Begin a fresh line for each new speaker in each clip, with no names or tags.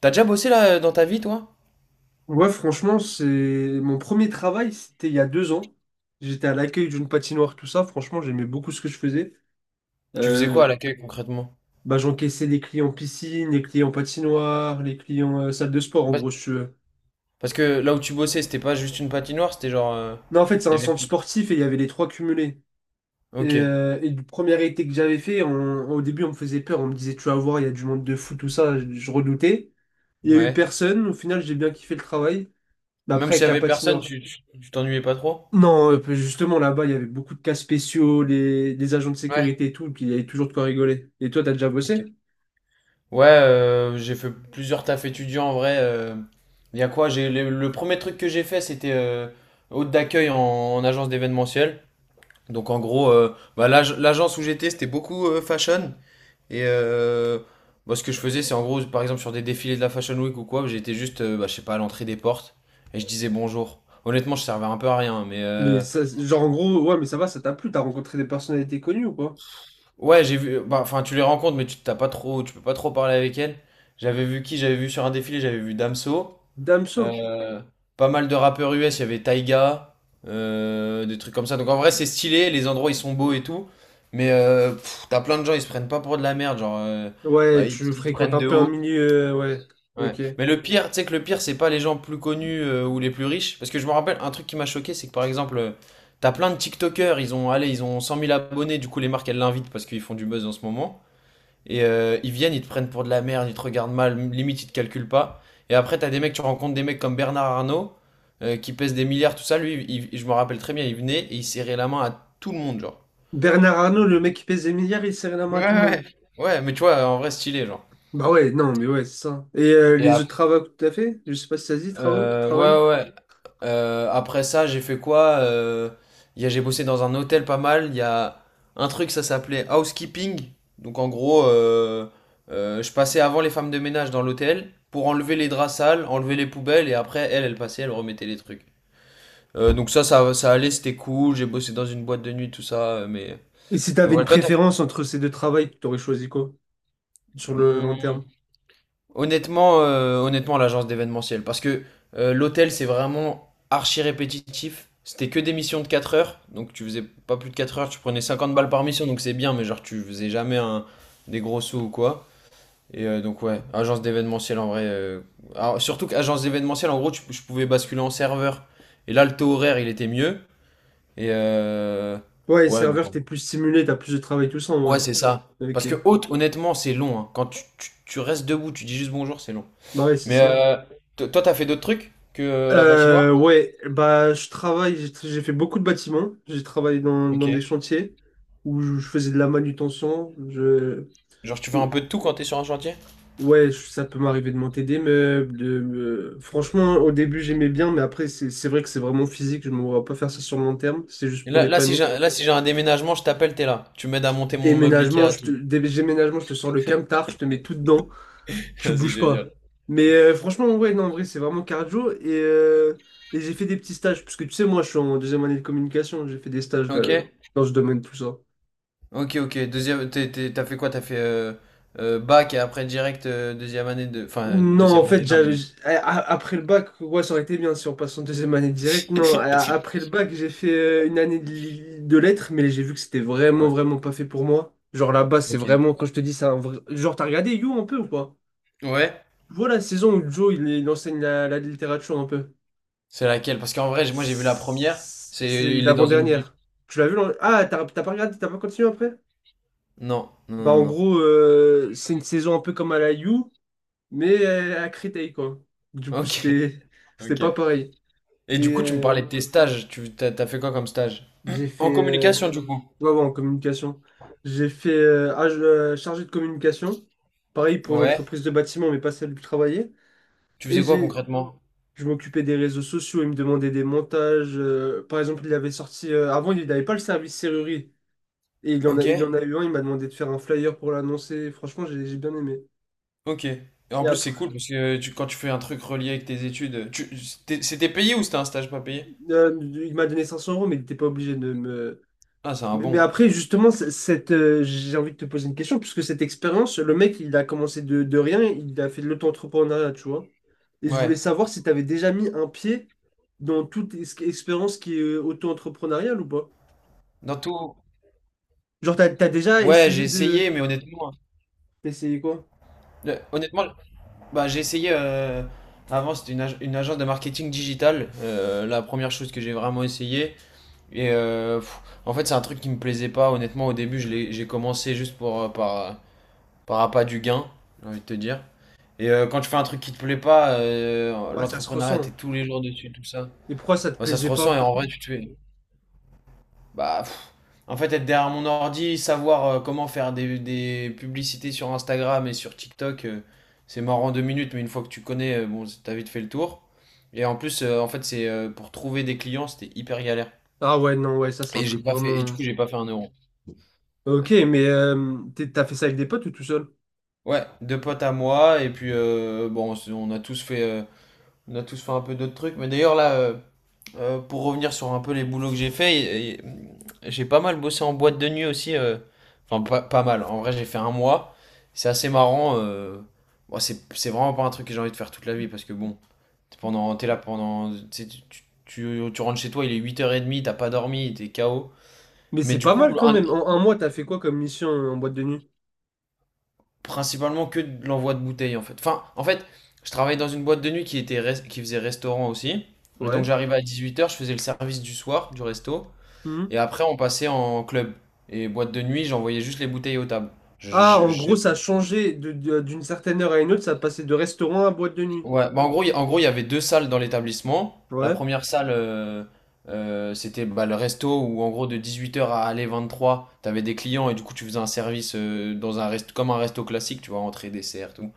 T'as déjà bossé là dans ta vie, toi?
Ouais, franchement, c'est mon premier travail, c'était il y a 2 ans. J'étais à l'accueil d'une patinoire, tout ça. Franchement, j'aimais beaucoup ce que je faisais.
Tu faisais quoi
Euh,
à l'accueil concrètement?
bah, j'encaissais les clients piscine, les clients patinoire, les clients salle de sport, en gros,
Bah-
si tu veux.
Parce que là où tu bossais, c'était pas juste une patinoire, c'était genre,
Non, en fait, c'est un
il y avait
centre
plus.
sportif et il y avait les trois cumulés. Et,
Ok,
euh, et du premier été que j'avais fait, au début, on me faisait peur. On me disait, tu vas voir, il y a du monde de fou, tout ça. Je redoutais. Il y a eu
ouais.
personne. Au final, j'ai bien kiffé le travail. Mais
Même
après,
s'il
avec
y
la
avait personne,
patinoire.
tu t'ennuyais pas trop?
Non, justement, là-bas, il y avait beaucoup de cas spéciaux, les agents de
Ouais.
sécurité et tout, puis il y avait toujours de quoi rigoler. Et toi, t'as déjà bossé?
Ok. Ouais, j'ai fait plusieurs tafs étudiants en vrai. Il y a quoi? J'ai le premier truc que j'ai fait, c'était hôte d'accueil en, en agence d'événementiel. Donc en gros, bah, l'agence où j'étais, c'était beaucoup fashion. Et moi, ce que je faisais, c'est en gros, par exemple, sur des défilés de la Fashion Week ou quoi, j'étais juste, bah, je sais pas, à l'entrée des portes et je disais bonjour. Honnêtement, je servais un peu à rien, mais
Mais ça, genre, en gros, ouais, mais ça va, ça t'a plu, t'as rencontré des personnalités connues ou quoi?
ouais, j'ai vu. Bah, enfin, tu les rencontres, mais tu t'as pas trop, tu peux pas trop parler avec elles. J'avais vu qui? J'avais vu sur un défilé, j'avais vu Damso,
Damso?
euh, pas mal de rappeurs US, il y avait Taiga, des trucs comme ça. Donc en vrai, c'est stylé, les endroits ils sont beaux et tout, mais t'as plein de gens, ils se prennent pas pour de la merde, genre, bah,
Ouais,
ils,
tu
ils te
fréquentes
prennent
un
de
peu un
haut.
milieu, ouais,
Ouais.
ok.
Mais le pire, tu sais que le pire, c'est pas les gens plus connus ou les plus riches. Parce que je me rappelle, un truc qui m'a choqué, c'est que par exemple, t'as plein de TikTokers, ils ont, allez, ils ont 100 000 abonnés, du coup les marques, elles l'invitent parce qu'ils font du buzz en ce moment. Et ils viennent, ils te prennent pour de la merde, ils te regardent mal, limite ils te calculent pas. Et après, t'as des mecs, tu rencontres des mecs comme Bernard Arnault, qui pèse des milliards, tout ça. Lui, je me rappelle très bien, il venait et il serrait la main à tout le monde, genre.
Bernard Arnault, le mec qui pèse des milliards, il serrait la main
Ouais,
à tout le monde.
ouais. Ouais, mais tu vois, en vrai, stylé, genre.
Bah ouais, non, mais ouais, c'est ça. Et
Et
les
ap-
autres travaux que t'as fait? Je sais pas si ça se dit, travaux,
ouais,
travail?
ouais. Ouais. Après ça, j'ai fait quoi. J'ai bossé dans un hôtel pas mal. Il y a un truc, ça s'appelait housekeeping. Donc en gros, je passais avant les femmes de ménage dans l'hôtel pour enlever les draps sales, enlever les poubelles et après, elle passait, elle remettait les trucs. Donc ça allait, c'était cool. J'ai bossé dans une boîte de nuit, tout ça. Mais,
Et si
mais
t'avais une
voilà, toi, t'as...
préférence entre ces deux travails, t'aurais choisi quoi? Sur le long
Hmm,
terme?
Honnêtement, honnêtement l'agence d'événementiel. Parce que l'hôtel, c'est vraiment archi répétitif. C'était que des missions de 4 heures. Donc tu faisais pas plus de 4 heures. Tu prenais 50 balles par mission. Donc c'est bien. Mais genre, tu faisais jamais des gros sous ou quoi. Et donc, ouais, agence d'événementiel en vrai. Alors, surtout qu'agence d'événementiel, en gros, je pouvais basculer en serveur. Et là, le taux horaire, il était mieux. Et
Ouais,
ouais, donc.
serveur, t'es plus stimulé, t'as plus de travail, tout ça,
Ouais,
ouais.
c'est ça. Parce
Ok.
que hôte, honnêtement, c'est long. Hein. Quand tu restes debout, tu dis juste bonjour, c'est long.
Bah ouais, c'est
Mais
ça.
toi, t'as fait d'autres trucs que la patinoire?
Ouais, bah je travaille, j'ai fait beaucoup de bâtiments. J'ai travaillé dans des
Ok.
chantiers où je faisais de la manutention.
Genre, tu fais
Ou-
un peu de tout quand t'es sur un chantier?
ouais, ça peut m'arriver de monter des meubles. Franchement, au début, j'aimais bien, mais après, c'est vrai que c'est vraiment physique. Je me vois pas faire ça sur le long terme. C'est juste
Et
pour
là, là,
dépanner.
si j'ai un déménagement, je t'appelle, t'es là. Tu m'aides à monter mon meuble Ikea, tout.
Déménagement, je te sors le camtar, je te mets tout dedans. Tu
Vas-y,
bouges pas.
génial.
Mais franchement, ouais, non, en vrai, c'est vraiment cardio. Et j'ai fait des petits stages, parce que tu sais, moi, je suis en deuxième année de communication, j'ai fait des stages
Ok.
dans ce domaine, tout ça.
Ok, ok. Deuxième, t'as fait quoi? T'as fait bac et après direct deuxième année de... Enfin,
Non, en
deuxième année,
fait,
non,
j'avais,
mais...
j'- a- a- après le bac, ouais, ça aurait été bien si on passe en deuxième année direct. Non, après le bac, j'ai fait une année de lettres, mais j'ai vu que c'était vraiment,
Ouais,
vraiment pas fait pour moi. Genre là-bas, c'est
ok.
vraiment, quand je te dis, c'est un vrai... Genre, t'as regardé You un peu ou pas?
Ouais?
Voilà, la saison où Joe, il enseigne la littérature un peu.
C'est laquelle? Parce qu'en vrai, moi, j'ai vu la première.
C'est
C'est. Il est dans une.
l'avant-dernière. Tu l'as vu? Ah, t'as pas regardé, t'as pas continué après?
Non, non,
Bah,
non,
en
non.
gros, c'est une saison un peu comme à la You, mais à Créteil, quoi. Du coup,
Ok.
c'était c'était
Ok.
pas pareil.
Et du
Mais
coup, tu me parlais de tes stages. Tu, t'as t'as fait quoi comme stage?
j'ai
En
fait.
communication, du coup.
Ouais, ouais, en communication. J'ai fait chargé de communication. Pareil pour une
Ouais.
entreprise de bâtiment, mais pas celle où je travaillais.
Tu
Et
faisais quoi
j'ai.
concrètement?
Je m'occupais des réseaux sociaux, il me demandait des montages. Par exemple, il avait sorti. Avant, il n'avait pas le service serrurerie. Et
Ok,
il en a eu un, il m'a demandé de faire un flyer pour l'annoncer. Franchement, j'ai bien aimé.
ok. Et en
Et
plus, c'est
après,
cool parce que quand tu fais un truc relié avec tes études, c'était payé ou c'était un stage pas payé?
il m'a donné 500 euros, mais il n'était pas obligé de me.
Ah, c'est un
Mais
bon.
après, justement, j'ai envie de te poser une question, puisque cette expérience, le mec, il a commencé de rien, il a fait de l'auto-entrepreneuriat, tu vois. Et je voulais
Ouais.
savoir si tu avais déjà mis un pied dans toute expérience qui est auto-entrepreneuriale ou pas.
Dans tout.
Genre, t'as déjà
Ouais, j'ai
essayé
essayé,
de.
mais honnêtement,
D'essayer quoi?
honnêtement, bah j'ai essayé. Avant, c'était une agence de marketing digital, la première chose que j'ai vraiment essayé. Et en fait, c'est un truc qui me plaisait pas. Honnêtement, au début, j'ai commencé juste pour par appât du gain, j'ai envie de te dire. Et quand tu fais un truc qui te plaît pas,
Ouais, ça se
l'entrepreneuriat, t'es
ressent.
tous les jours dessus, tout ça.
Et pourquoi ça te
Bah, ça se
plaisait
ressent et
pas?
en vrai, tu te fais. Bah, en fait, être derrière mon ordi, savoir comment faire des publicités sur Instagram et sur TikTok, c'est mort en 2 minutes, mais une fois que tu connais, bon, t'as vite fait le tour. Et en plus, en fait, c'est pour trouver des clients, c'était hyper galère.
Ah ouais, non, ouais, ça, c'est un
Et j'ai
truc
pas fait, et du
vraiment.
coup, j'ai pas fait 1 euro.
Ok, mais t'as fait ça avec des potes ou tout seul?
Ouais, deux potes à moi, et puis bon, on a tous fait. On a tous fait un peu d'autres trucs. Mais d'ailleurs, là, pour revenir sur un peu les boulots que j'ai fait, j'ai pas mal bossé en boîte de nuit aussi. Enfin, pas mal. En vrai, j'ai fait un mois. C'est assez marrant. Bon, c'est vraiment pas un truc que j'ai envie de faire toute la vie parce que bon, t'es là pendant. Tu sais, tu rentres chez toi, il est 8h30, t'as pas dormi, t'es KO.
Mais
Mais
c'est
du
pas
coup,
mal quand
un
même. En un mois, t'as fait quoi comme mission en boîte de nuit?
principalement que de l'envoi de bouteilles en fait. Enfin, en fait, je travaillais dans une boîte de nuit qui était qui faisait restaurant aussi. Et donc
Ouais.
j'arrivais à 18 heures, je faisais le service du soir du resto.
Mhm.
Et après, on passait en club. Et boîte de nuit, j'envoyais juste les bouteilles aux tables. Je-
Ah,
je-
en
je-
gros, ça a changé d'une certaine heure à une autre, ça passait de restaurant à boîte de nuit.
Ouais, bah en gros, en gros, il y avait deux salles dans l'établissement. La
Ouais.
première salle, c'était bah, le resto où en gros de 18 heures à aller 23, t'avais des clients et du coup tu faisais un service dans un comme un resto classique, tu vois, entrée, dessert, tout.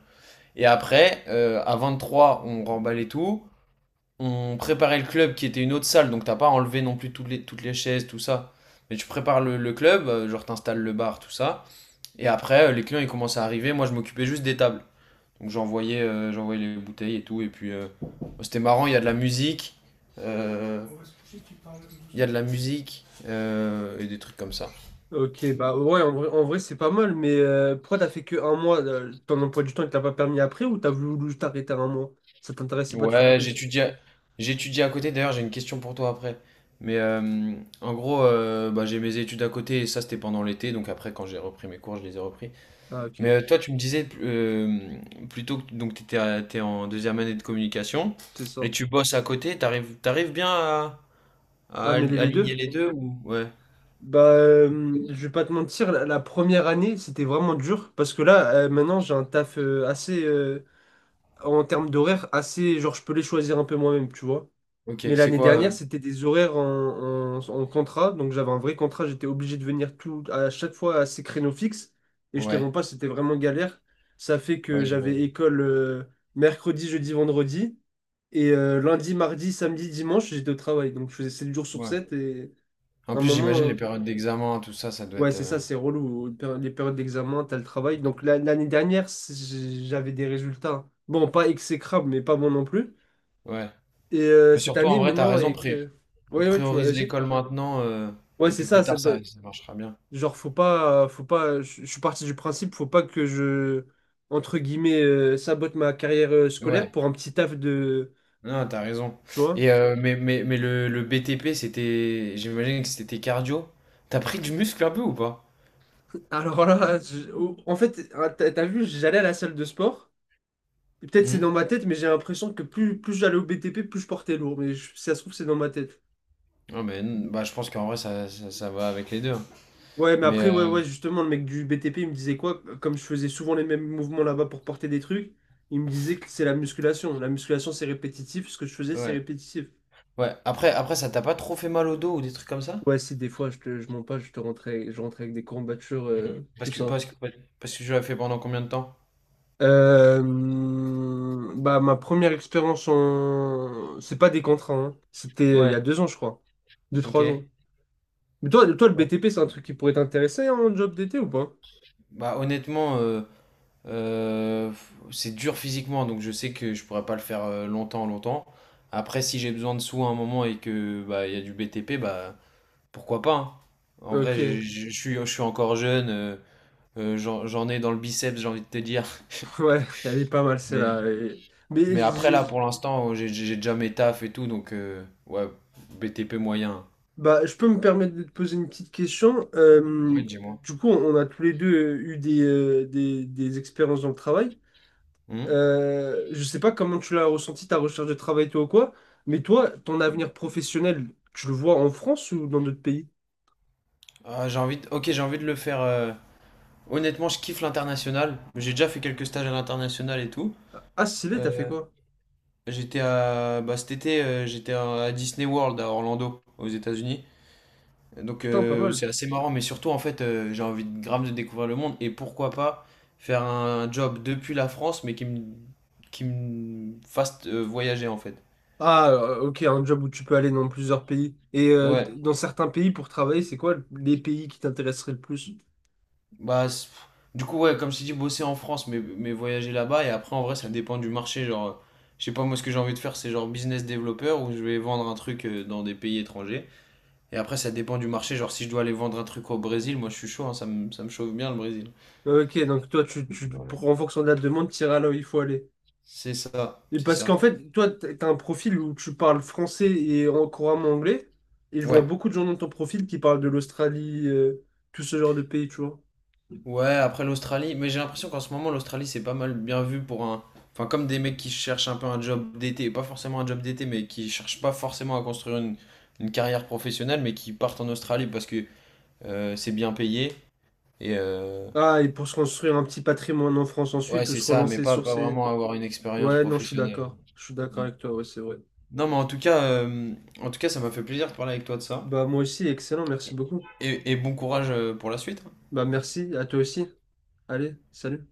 Et après, à 23, on remballait tout. On préparait le club qui était une autre salle, donc t'as pas enlevé non plus toutes les chaises, tout ça. Mais tu prépares le club, genre t'installes le bar, tout ça. Et après, les clients ils commencent à arriver. Moi, je m'occupais juste des tables. Donc j'envoyais les bouteilles et tout. Et puis bon, c'était marrant, il y a de la musique. euh, Il y a de la musique et des trucs comme ça.
Ok, bah ouais, en vrai, c'est pas mal, mais pourquoi t'as fait que un mois, ton emploi du temps, il t'a pas permis après ou t'as voulu juste arrêter un mois? Ça t'intéressait pas de faire
Ouais,
plus?
j'étudie à côté. D'ailleurs, j'ai une question pour toi après. Mais en gros, bah, j'ai mes études à côté et ça, c'était pendant l'été. Donc après, quand j'ai repris mes cours, je les ai repris.
Ah ok,
Mais toi, tu me disais plutôt que donc t'es en deuxième année de communication
c'est
et
ça.
tu bosses à côté. T'arrives bien à,
Ah mêler les
aligner
deux?
les deux ou ouais.
Bah, je vais pas te mentir, la première année, c'était vraiment dur, parce que là, maintenant, j'ai un taf assez, en termes d'horaire, assez, genre, je peux les choisir un peu moi-même, tu vois.
Ok,
Mais
c'est
l'année
quoi?
dernière, c'était des horaires en contrat. Donc j'avais un vrai contrat, j'étais obligé de venir tout, à chaque fois à ces créneaux fixes. Et je te mens
Ouais,
pas, c'était vraiment galère. Ça fait que
ouais, j'imagine.
j'avais école mercredi, jeudi, vendredi. Et lundi, mardi, samedi, dimanche, j'étais au travail. Donc je faisais 7 jours sur
Ouais.
sept. Et
En
à un
plus,
moment,
j'imagine les périodes d'examen, tout ça, ça doit
ouais,
être.
c'est ça, c'est relou. Les périodes d'examen, t'as le travail. Donc l'année dernière, j'avais des résultats. Bon, pas exécrables, mais pas bons non plus.
Ouais.
Et
Mais
cette
surtout, en
année,
vrai, t'as
maintenant,
raison.
avec... Ouais, ouais, tu
Priorise
m'avais dit.
l'école maintenant,
Ouais,
et
c'est
puis plus
ça,
tard
c'est pas-
ça marchera bien.
genre faut pas je suis parti du principe faut pas que je entre guillemets sabote ma carrière scolaire
Ouais,
pour un petit taf de
non, t'as raison.
tu vois.
Et mais le BTP, c'était. J'imagine que c'était cardio. T'as pris du muscle un peu ou pas?
Alors là, en fait, hein, t'as vu, j'allais à la salle de sport. Et peut-être c'est
Hmm.
dans ma tête, mais j'ai l'impression que plus j'allais au BTP, plus je portais lourd, mais si ça se trouve c'est dans ma tête.
Non, mais bah, je pense qu'en vrai ça va avec les deux. Hein.
Ouais, mais
Mais
après ouais ouais, justement le mec du BTP, il me disait quoi? Comme je faisais souvent les mêmes mouvements là-bas pour porter des trucs, il me disait que c'est la musculation. La musculation c'est répétitif, ce que je faisais c'est
ouais.
répétitif.
Ouais. Après ça t'a pas trop fait mal au dos ou des trucs comme ça?
Ouais, si des fois je mens pas, je rentrais avec des courbatures,
Hmm. Parce
tout
que,
ça.
parce que, parce que je l'ai fait pendant combien de temps?
Euh, bah, ma première expérience en. C'est pas des contrats, hein. C'était il y a
Ouais.
2 ans, je crois. Deux,
Ok.
trois ans.
Ouais.
Mais toi, toi le BTP, c'est un truc qui pourrait t'intéresser en job d'été ou pas?
Bah honnêtement, Euh, c'est dur physiquement, donc je sais que je pourrais pas le faire longtemps, longtemps. Après, si j'ai besoin de sous à un moment et que bah il y a du BTP, bah pourquoi pas. Hein. En vrai,
Ok,
je, je- je suis, je suis encore jeune, j'en ai dans le biceps, j'ai envie de te dire.
ouais, elle est pas mal celle-là.
Mais,
Mais
mais après là,
j'ai-
pour l'instant, j'ai déjà mes tafs et tout, donc ouais, BTP moyen.
bah, je peux me permettre de te poser une petite question. Euh,
Ouais, dis-moi.
du coup, on a tous les deux eu des expériences dans le travail.
Hmm
Je sais pas comment tu l'as ressenti, ta recherche de travail, toi ou quoi, mais toi, ton avenir professionnel, tu le vois en France ou dans d'autres pays?
Ok, j'ai envie de le faire. Honnêtement, je kiffe l'international. J'ai déjà fait quelques stages à l'international et tout.
Ah, stylé, t'as fait
Euh,
quoi?
J'étais à Bah cet été, j'étais à Disney World à Orlando aux États-Unis. Donc
Putain, pas mal.
c'est assez marrant, mais surtout en fait j'ai envie de grave de découvrir le monde et pourquoi pas faire un job depuis la France mais qui me fasse voyager en fait.
Ah, ok, un job où tu peux aller dans plusieurs pays. Et
Ouais.
dans certains pays, pour travailler, c'est quoi les pays qui t'intéresseraient le plus?
Bah c'est- du coup ouais comme je t'ai dit bosser en France mais voyager là-bas et après en vrai ça dépend du marché genre je sais pas moi ce que j'ai envie de faire c'est genre business développeur où je vais vendre un truc dans des pays étrangers. Et après, ça dépend du marché. Genre, si je dois aller vendre un truc au Brésil, moi, je suis chaud. Hein, ça me chauffe bien, le Brésil.
Ok, donc toi, en fonction de la demande, tu iras là où il faut aller.
C'est ça,
Et
c'est
parce qu'en
ça.
fait, toi, t'as un profil où tu parles français et couramment anglais, et je vois
Ouais.
beaucoup de gens dans ton profil qui parlent de l'Australie, tout ce genre de pays, tu vois.
Ouais, après l'Australie. Mais j'ai l'impression qu'en ce moment, l'Australie, c'est pas mal bien vu pour un. Enfin, comme des mecs qui cherchent un peu un job d'été. Pas forcément un job d'été, mais qui cherchent pas forcément à construire une carrière professionnelle, mais qui partent en Australie parce que c'est bien payé. Et
Ah, et pour se construire un petit patrimoine en France
ouais,
ensuite ou
c'est
se
ça, mais
relancer
pas,
sur
pas
ces...
vraiment avoir une expérience
Ouais, non, je suis
professionnelle.
d'accord. Je suis d'accord
Mm.
avec toi, ouais, c'est vrai.
Non, mais en tout cas, ça m'a fait plaisir de parler avec toi de ça.
Bah, moi aussi, excellent, merci
Et,
beaucoup.
et bon courage pour la suite.
Bah, merci, à toi aussi. Allez, salut.